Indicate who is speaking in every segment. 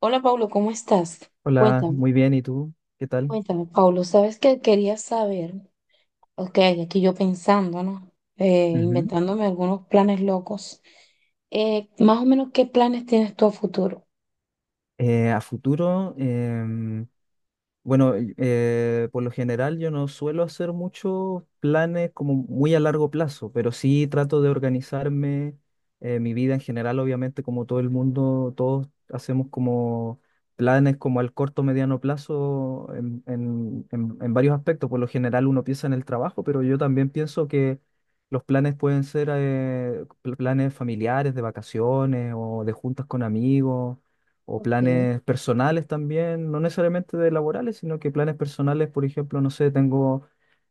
Speaker 1: Hola Pablo, ¿cómo estás?
Speaker 2: Hola,
Speaker 1: Cuéntame,
Speaker 2: muy bien, ¿y tú? ¿Qué tal?
Speaker 1: cuéntame, Pablo, ¿sabes qué quería saber? Ok, aquí yo pensando, ¿no?
Speaker 2: Ujú.
Speaker 1: Inventándome algunos planes locos. Más o menos, ¿qué planes tienes tú a futuro?
Speaker 2: A futuro, bueno, por lo general yo no suelo hacer muchos planes como muy a largo plazo, pero sí trato de organizarme mi vida en general, obviamente como todo el mundo, todos hacemos como planes como al corto, mediano plazo en varios aspectos. Por lo general uno piensa en el trabajo, pero yo también pienso que los planes pueden ser planes familiares, de vacaciones o de juntas con amigos o
Speaker 1: Ok,
Speaker 2: planes personales también, no necesariamente de laborales, sino que planes personales, por ejemplo, no sé, tengo,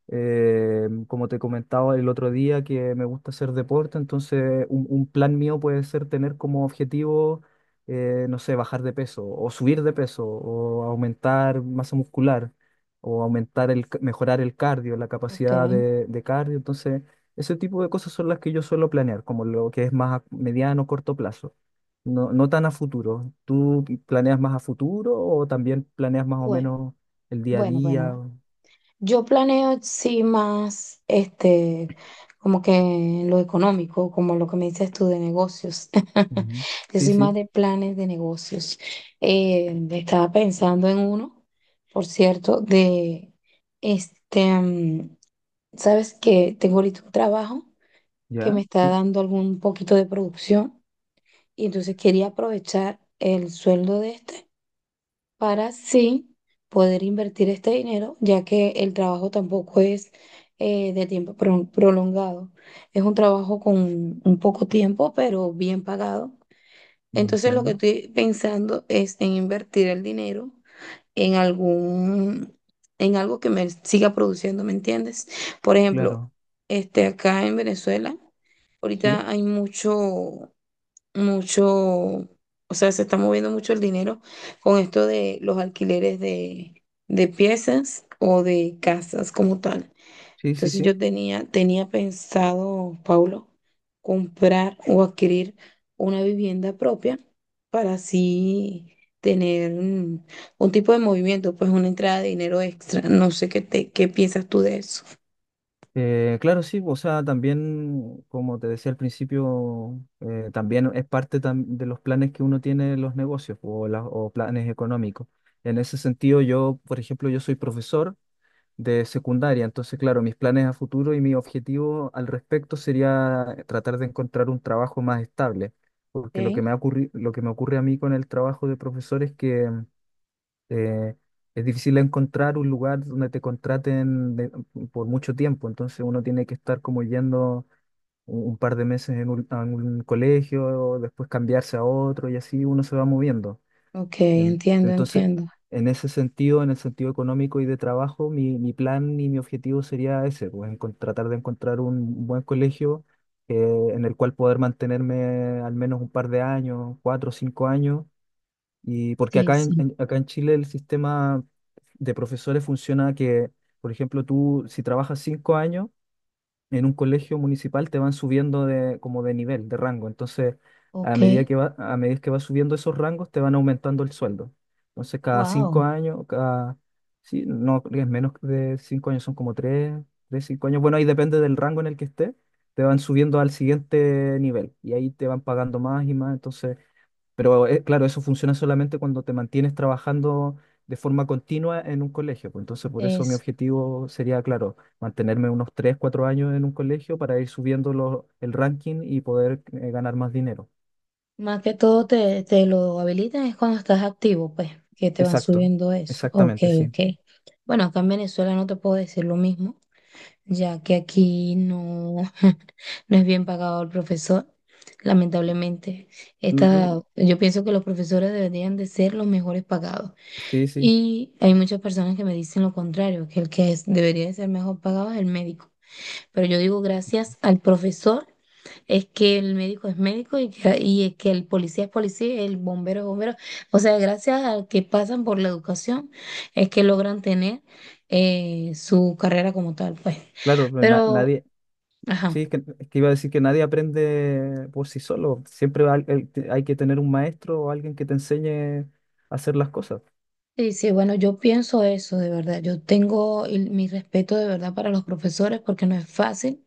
Speaker 2: como te comentaba el otro día, que me gusta hacer deporte, entonces un plan mío puede ser tener como objetivo, no sé, bajar de peso o subir de peso o aumentar masa muscular o aumentar mejorar el cardio, la
Speaker 1: ok,
Speaker 2: capacidad de cardio, entonces ese tipo de cosas son las que yo suelo planear, como lo que es más a mediano corto plazo. No, no tan a futuro. ¿Tú planeas más a futuro o también planeas más o
Speaker 1: bueno,
Speaker 2: menos el día a
Speaker 1: bueno,
Speaker 2: día?
Speaker 1: bueno. Yo planeo, sí, más, como que lo económico, como lo que me dices tú de negocios.
Speaker 2: Ujú.
Speaker 1: Yo
Speaker 2: Sí,
Speaker 1: soy más
Speaker 2: sí,
Speaker 1: de planes de negocios. Estaba pensando en uno, por cierto, de, este, mm, sabes que tengo ahorita un trabajo que
Speaker 2: ya,
Speaker 1: me está
Speaker 2: sí,
Speaker 1: dando algún poquito de producción, y entonces quería aprovechar el sueldo de este para sí poder invertir este dinero, ya que el trabajo tampoco es de tiempo prolongado. Es un trabajo con un poco tiempo, pero bien pagado. Entonces lo que
Speaker 2: entiendo.
Speaker 1: estoy pensando es en invertir el dinero en algún, en algo que me siga produciendo, ¿me entiendes? Por ejemplo,
Speaker 2: Claro,
Speaker 1: acá en Venezuela,
Speaker 2: sí,
Speaker 1: ahorita hay mucho, o sea, se está moviendo mucho el dinero con esto de los alquileres de piezas o de casas como tal.
Speaker 2: sí, sí,
Speaker 1: Entonces
Speaker 2: sí.
Speaker 1: yo tenía pensado, Paulo, comprar o adquirir una vivienda propia para así tener tipo de movimiento, pues una entrada de dinero extra. No sé qué piensas tú de eso.
Speaker 2: Claro, sí, o sea, también, como te decía al principio, también es parte de los planes que uno tiene en los negocios o, o planes económicos. En ese sentido, yo, por ejemplo, yo soy profesor de secundaria. Entonces, claro, mis planes a futuro y mi objetivo al respecto sería tratar de encontrar un trabajo más estable, porque lo que
Speaker 1: Ok.
Speaker 2: me ha lo que me ocurre a mí con el trabajo de profesor es que eh, es difícil encontrar un lugar donde te contraten por mucho tiempo, entonces uno tiene que estar como yendo un par de meses en un, a un colegio, después cambiarse a otro y así uno se va moviendo.
Speaker 1: Ok,
Speaker 2: Entonces,
Speaker 1: entiendo.
Speaker 2: en ese sentido, en el sentido económico y de trabajo, mi plan y mi objetivo sería ese, pues tratar de encontrar un buen colegio en el cual poder mantenerme al menos un par de años, cuatro o cinco años, y porque
Speaker 1: Sí, sí.
Speaker 2: acá en Chile el sistema de profesores funciona que, por ejemplo, tú si trabajas cinco años en un colegio municipal te van subiendo de, como de nivel, de rango. Entonces, a
Speaker 1: Ok.
Speaker 2: medida que va, a medida que vas subiendo esos rangos, te van aumentando el sueldo. Entonces, cada cinco
Speaker 1: Wow.
Speaker 2: años, cada, sí, no, es menos de cinco años, son como tres, tres, cinco años. Bueno, ahí depende del rango en el que estés, te van subiendo al siguiente nivel y ahí te van pagando más y más. Entonces, pero claro, eso funciona solamente cuando te mantienes trabajando de forma continua en un colegio, pues. Entonces, por eso mi objetivo sería, claro, mantenerme unos 3 4 años en un colegio para ir subiendo el ranking y poder ganar más dinero.
Speaker 1: Más que todo te lo habilitan es cuando estás activo, pues, que te van
Speaker 2: Exacto,
Speaker 1: subiendo eso. Ok,
Speaker 2: exactamente, sí.
Speaker 1: ok. Bueno, acá en Venezuela no te puedo decir lo mismo, ya que aquí no, no es bien pagado el profesor, lamentablemente.
Speaker 2: Mm, mm,
Speaker 1: Yo pienso que los profesores deberían de ser los mejores pagados.
Speaker 2: sí, sí,
Speaker 1: Y hay muchas personas que me dicen lo contrario, que el que debería de ser mejor pagado es el médico. Pero yo digo gracias al profesor es que el médico es médico y es que el policía es policía, el bombero es bombero. O sea, gracias a que pasan por la educación es que logran tener su carrera como tal, pues.
Speaker 2: claro, pero
Speaker 1: Pero,
Speaker 2: nadie,
Speaker 1: ajá.
Speaker 2: sí, es que iba a decir que nadie aprende por sí solo. Siempre hay que tener un maestro o alguien que te enseñe a hacer las cosas.
Speaker 1: Sí, sí, bueno, yo pienso eso de verdad. Yo tengo mi respeto de verdad para los profesores porque no es fácil.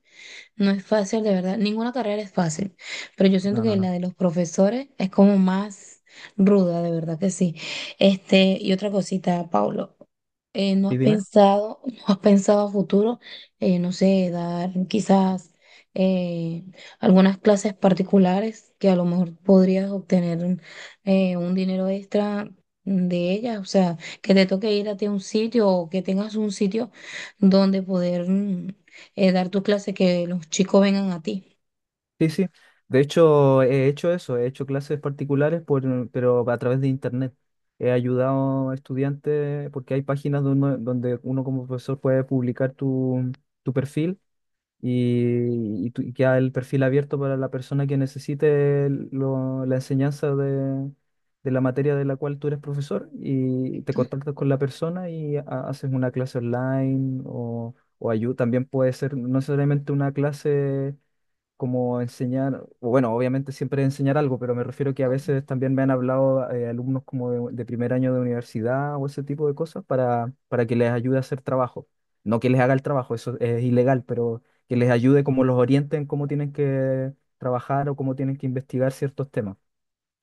Speaker 1: No es fácil, de verdad. Ninguna carrera es fácil, pero yo siento
Speaker 2: No,
Speaker 1: que
Speaker 2: no,
Speaker 1: la
Speaker 2: no.
Speaker 1: de los profesores es como más ruda, de verdad que sí. Y otra cosita, Paulo, ¿no
Speaker 2: ¿Y
Speaker 1: has
Speaker 2: dime?
Speaker 1: pensado, no has pensado a futuro, no sé, dar quizás eh, algunas clases particulares que a lo mejor podrías obtener un dinero extra de ellas? O sea, que te toque ir a ti a un sitio o que tengas un sitio donde poder dar tu clase, que los chicos vengan a ti.
Speaker 2: Sí, sí. De hecho, he hecho eso, he hecho clases particulares, por, pero a través de internet. He ayudado a estudiantes porque hay páginas donde uno como profesor puede publicar tu, tu perfil y y queda el perfil abierto para la persona que necesite la enseñanza de la materia de la cual tú eres profesor y te
Speaker 1: Perfecto.
Speaker 2: contactas con la persona y haces una clase online o también puede ser no necesariamente una clase como enseñar, o bueno, obviamente siempre enseñar algo, pero me refiero que a veces también me han hablado alumnos como de primer año de universidad o ese tipo de cosas para que les ayude a hacer trabajo. No que les haga el trabajo, eso es ilegal, pero que les ayude como los orienten en cómo tienen que trabajar o cómo tienen que investigar ciertos temas.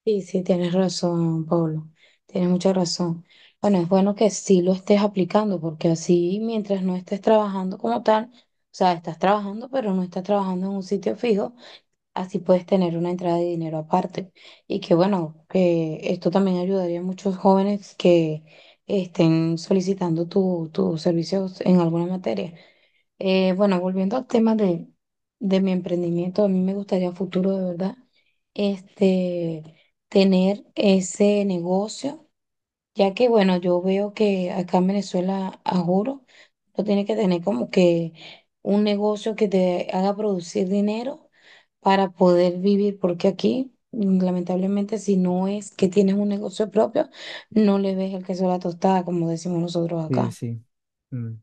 Speaker 1: Sí, sí, tienes razón, Pablo. Tienes mucha razón. Bueno, es bueno que sí lo estés aplicando, porque así mientras no estés trabajando como tal, o sea, estás trabajando, pero no estás trabajando en un sitio fijo, así puedes tener una entrada de dinero aparte. Y que bueno, que esto también ayudaría a muchos jóvenes que estén solicitando tus servicios en alguna materia. Bueno, volviendo al tema de mi emprendimiento, a mí me gustaría a futuro, de verdad, este, tener ese negocio, ya que, bueno, yo veo que acá en Venezuela, a juro, tú tienes que tener como que un negocio que te haga producir dinero para poder vivir, porque aquí, mm, lamentablemente, si no es que tienes un negocio propio, no le ves el queso a la tostada, como decimos nosotros
Speaker 2: Sí,
Speaker 1: acá.
Speaker 2: sí. Mm,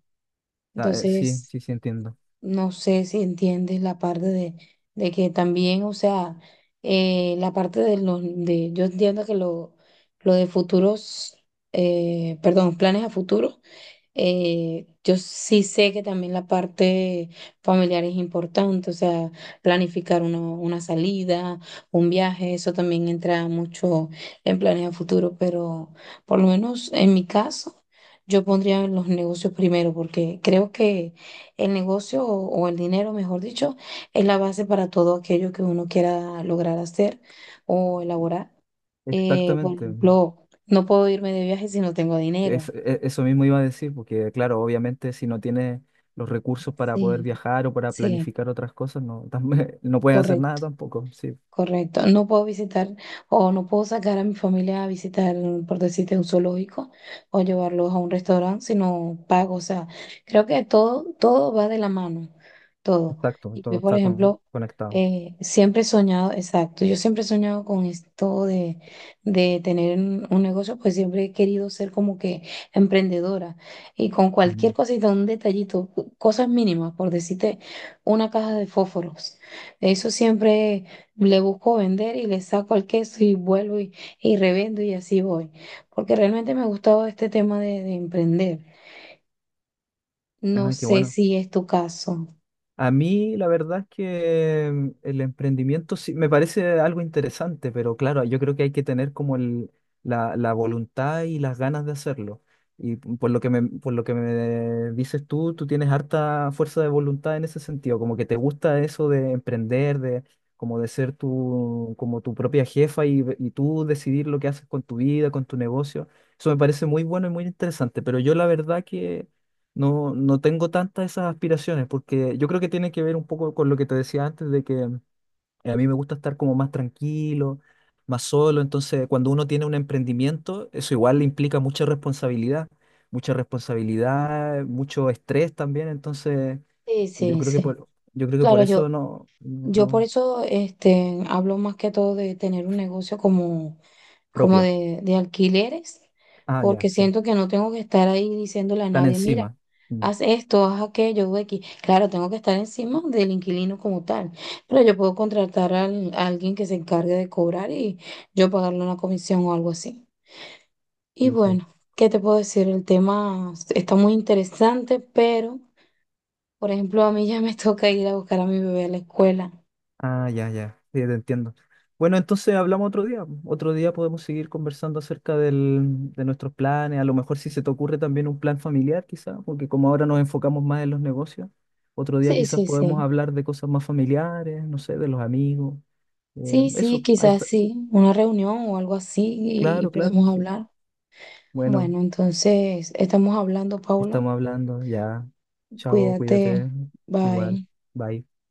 Speaker 2: sí,
Speaker 1: Entonces...
Speaker 2: sí, sí, entiendo.
Speaker 1: No sé si entiendes la parte de que también, o sea, la parte de yo entiendo que lo de perdón, planes a futuro, yo sí sé que también la parte familiar es importante, o sea, planificar una salida, un viaje, eso también entra mucho en planes a futuro, pero por lo menos en mi caso, yo pondría los negocios primero, porque creo que el negocio o el dinero, mejor dicho, es la base para todo aquello que uno quiera lograr hacer o elaborar. Por
Speaker 2: Exactamente.
Speaker 1: ejemplo, no puedo irme de viaje si no tengo dinero.
Speaker 2: Eso mismo iba a decir, porque claro, obviamente si no tienes los recursos para poder
Speaker 1: Sí,
Speaker 2: viajar o para
Speaker 1: sí.
Speaker 2: planificar otras cosas, no, también, no puedes hacer nada
Speaker 1: Correcto.
Speaker 2: tampoco. Sí,
Speaker 1: Correcto, no puedo visitar o no puedo sacar a mi familia a visitar, por decirte, un zoológico o llevarlos a un restaurante, sino pago. O sea, creo que todo, todo va de la mano, todo.
Speaker 2: exacto,
Speaker 1: Y
Speaker 2: todo
Speaker 1: yo, por
Speaker 2: está
Speaker 1: ejemplo,
Speaker 2: conectado.
Speaker 1: siempre he soñado, exacto, yo siempre he soñado con esto de tener un negocio, pues siempre he querido ser como que emprendedora, y con
Speaker 2: Mm.
Speaker 1: cualquier cosita, un detallito, cosas mínimas, por decirte, una caja de fósforos. Eso siempre le busco vender y le saco al queso y vuelvo y y revendo, y así voy. Porque realmente me ha gustado este tema de emprender. No
Speaker 2: Ah, qué
Speaker 1: sé
Speaker 2: bueno.
Speaker 1: si es tu caso.
Speaker 2: A mí la verdad es que mm, el emprendimiento sí me parece algo interesante, pero claro, yo creo que hay que tener como la, la voluntad y las ganas de hacerlo. Y por lo que me, por lo que me dices tú, tú tienes harta fuerza de voluntad en ese sentido, como que te gusta eso de emprender, de como de ser tu, como tu propia jefa y tú decidir lo que haces con tu vida, con tu negocio. Eso me parece muy bueno y muy interesante, pero yo la verdad que no, no tengo tantas esas aspiraciones, porque yo creo que tiene que ver un poco con lo que te decía antes, de que a mí me gusta estar como más tranquilo, más solo, entonces cuando uno tiene un emprendimiento, eso igual le implica mucha responsabilidad, mucho estrés también, entonces
Speaker 1: Sí,
Speaker 2: yo
Speaker 1: sí,
Speaker 2: creo que
Speaker 1: sí.
Speaker 2: por, yo creo que por
Speaker 1: Claro,
Speaker 2: eso no, no,
Speaker 1: yo por
Speaker 2: no,
Speaker 1: eso hablo más que todo de tener un negocio como
Speaker 2: propio.
Speaker 1: de alquileres,
Speaker 2: Ah, ya,
Speaker 1: porque
Speaker 2: sí,
Speaker 1: siento que no tengo que estar ahí diciéndole a
Speaker 2: tan
Speaker 1: nadie, mira,
Speaker 2: encima. Mm,
Speaker 1: haz esto, haz aquello, haz X. Claro, tengo que estar encima del inquilino como tal, pero yo puedo contratar a alguien que se encargue de cobrar y yo pagarle una comisión o algo así. Y
Speaker 2: sí, sí.
Speaker 1: bueno, ¿qué te puedo decir? El tema está muy interesante, pero, por ejemplo, a mí ya me toca ir a buscar a mi bebé a la escuela.
Speaker 2: Ah, ya, ya, sí, te entiendo. Bueno, entonces hablamos otro día. Otro día podemos seguir conversando acerca de nuestros planes. A lo mejor si se te ocurre también un plan familiar, quizás, porque como ahora nos enfocamos más en los negocios, otro día
Speaker 1: Sí,
Speaker 2: quizás
Speaker 1: sí,
Speaker 2: podemos
Speaker 1: sí.
Speaker 2: hablar de cosas más familiares, no sé, de los amigos.
Speaker 1: Sí, sí,
Speaker 2: Eso, ahí
Speaker 1: quizás
Speaker 2: está.
Speaker 1: sí, una reunión o algo así, y
Speaker 2: Claro, claro,
Speaker 1: podemos
Speaker 2: sí.
Speaker 1: hablar.
Speaker 2: Bueno,
Speaker 1: Bueno, entonces estamos hablando, Paulo.
Speaker 2: estamos hablando ya. Chao,
Speaker 1: Cuídate.
Speaker 2: cuídate. Igual.
Speaker 1: Bye.
Speaker 2: Bye.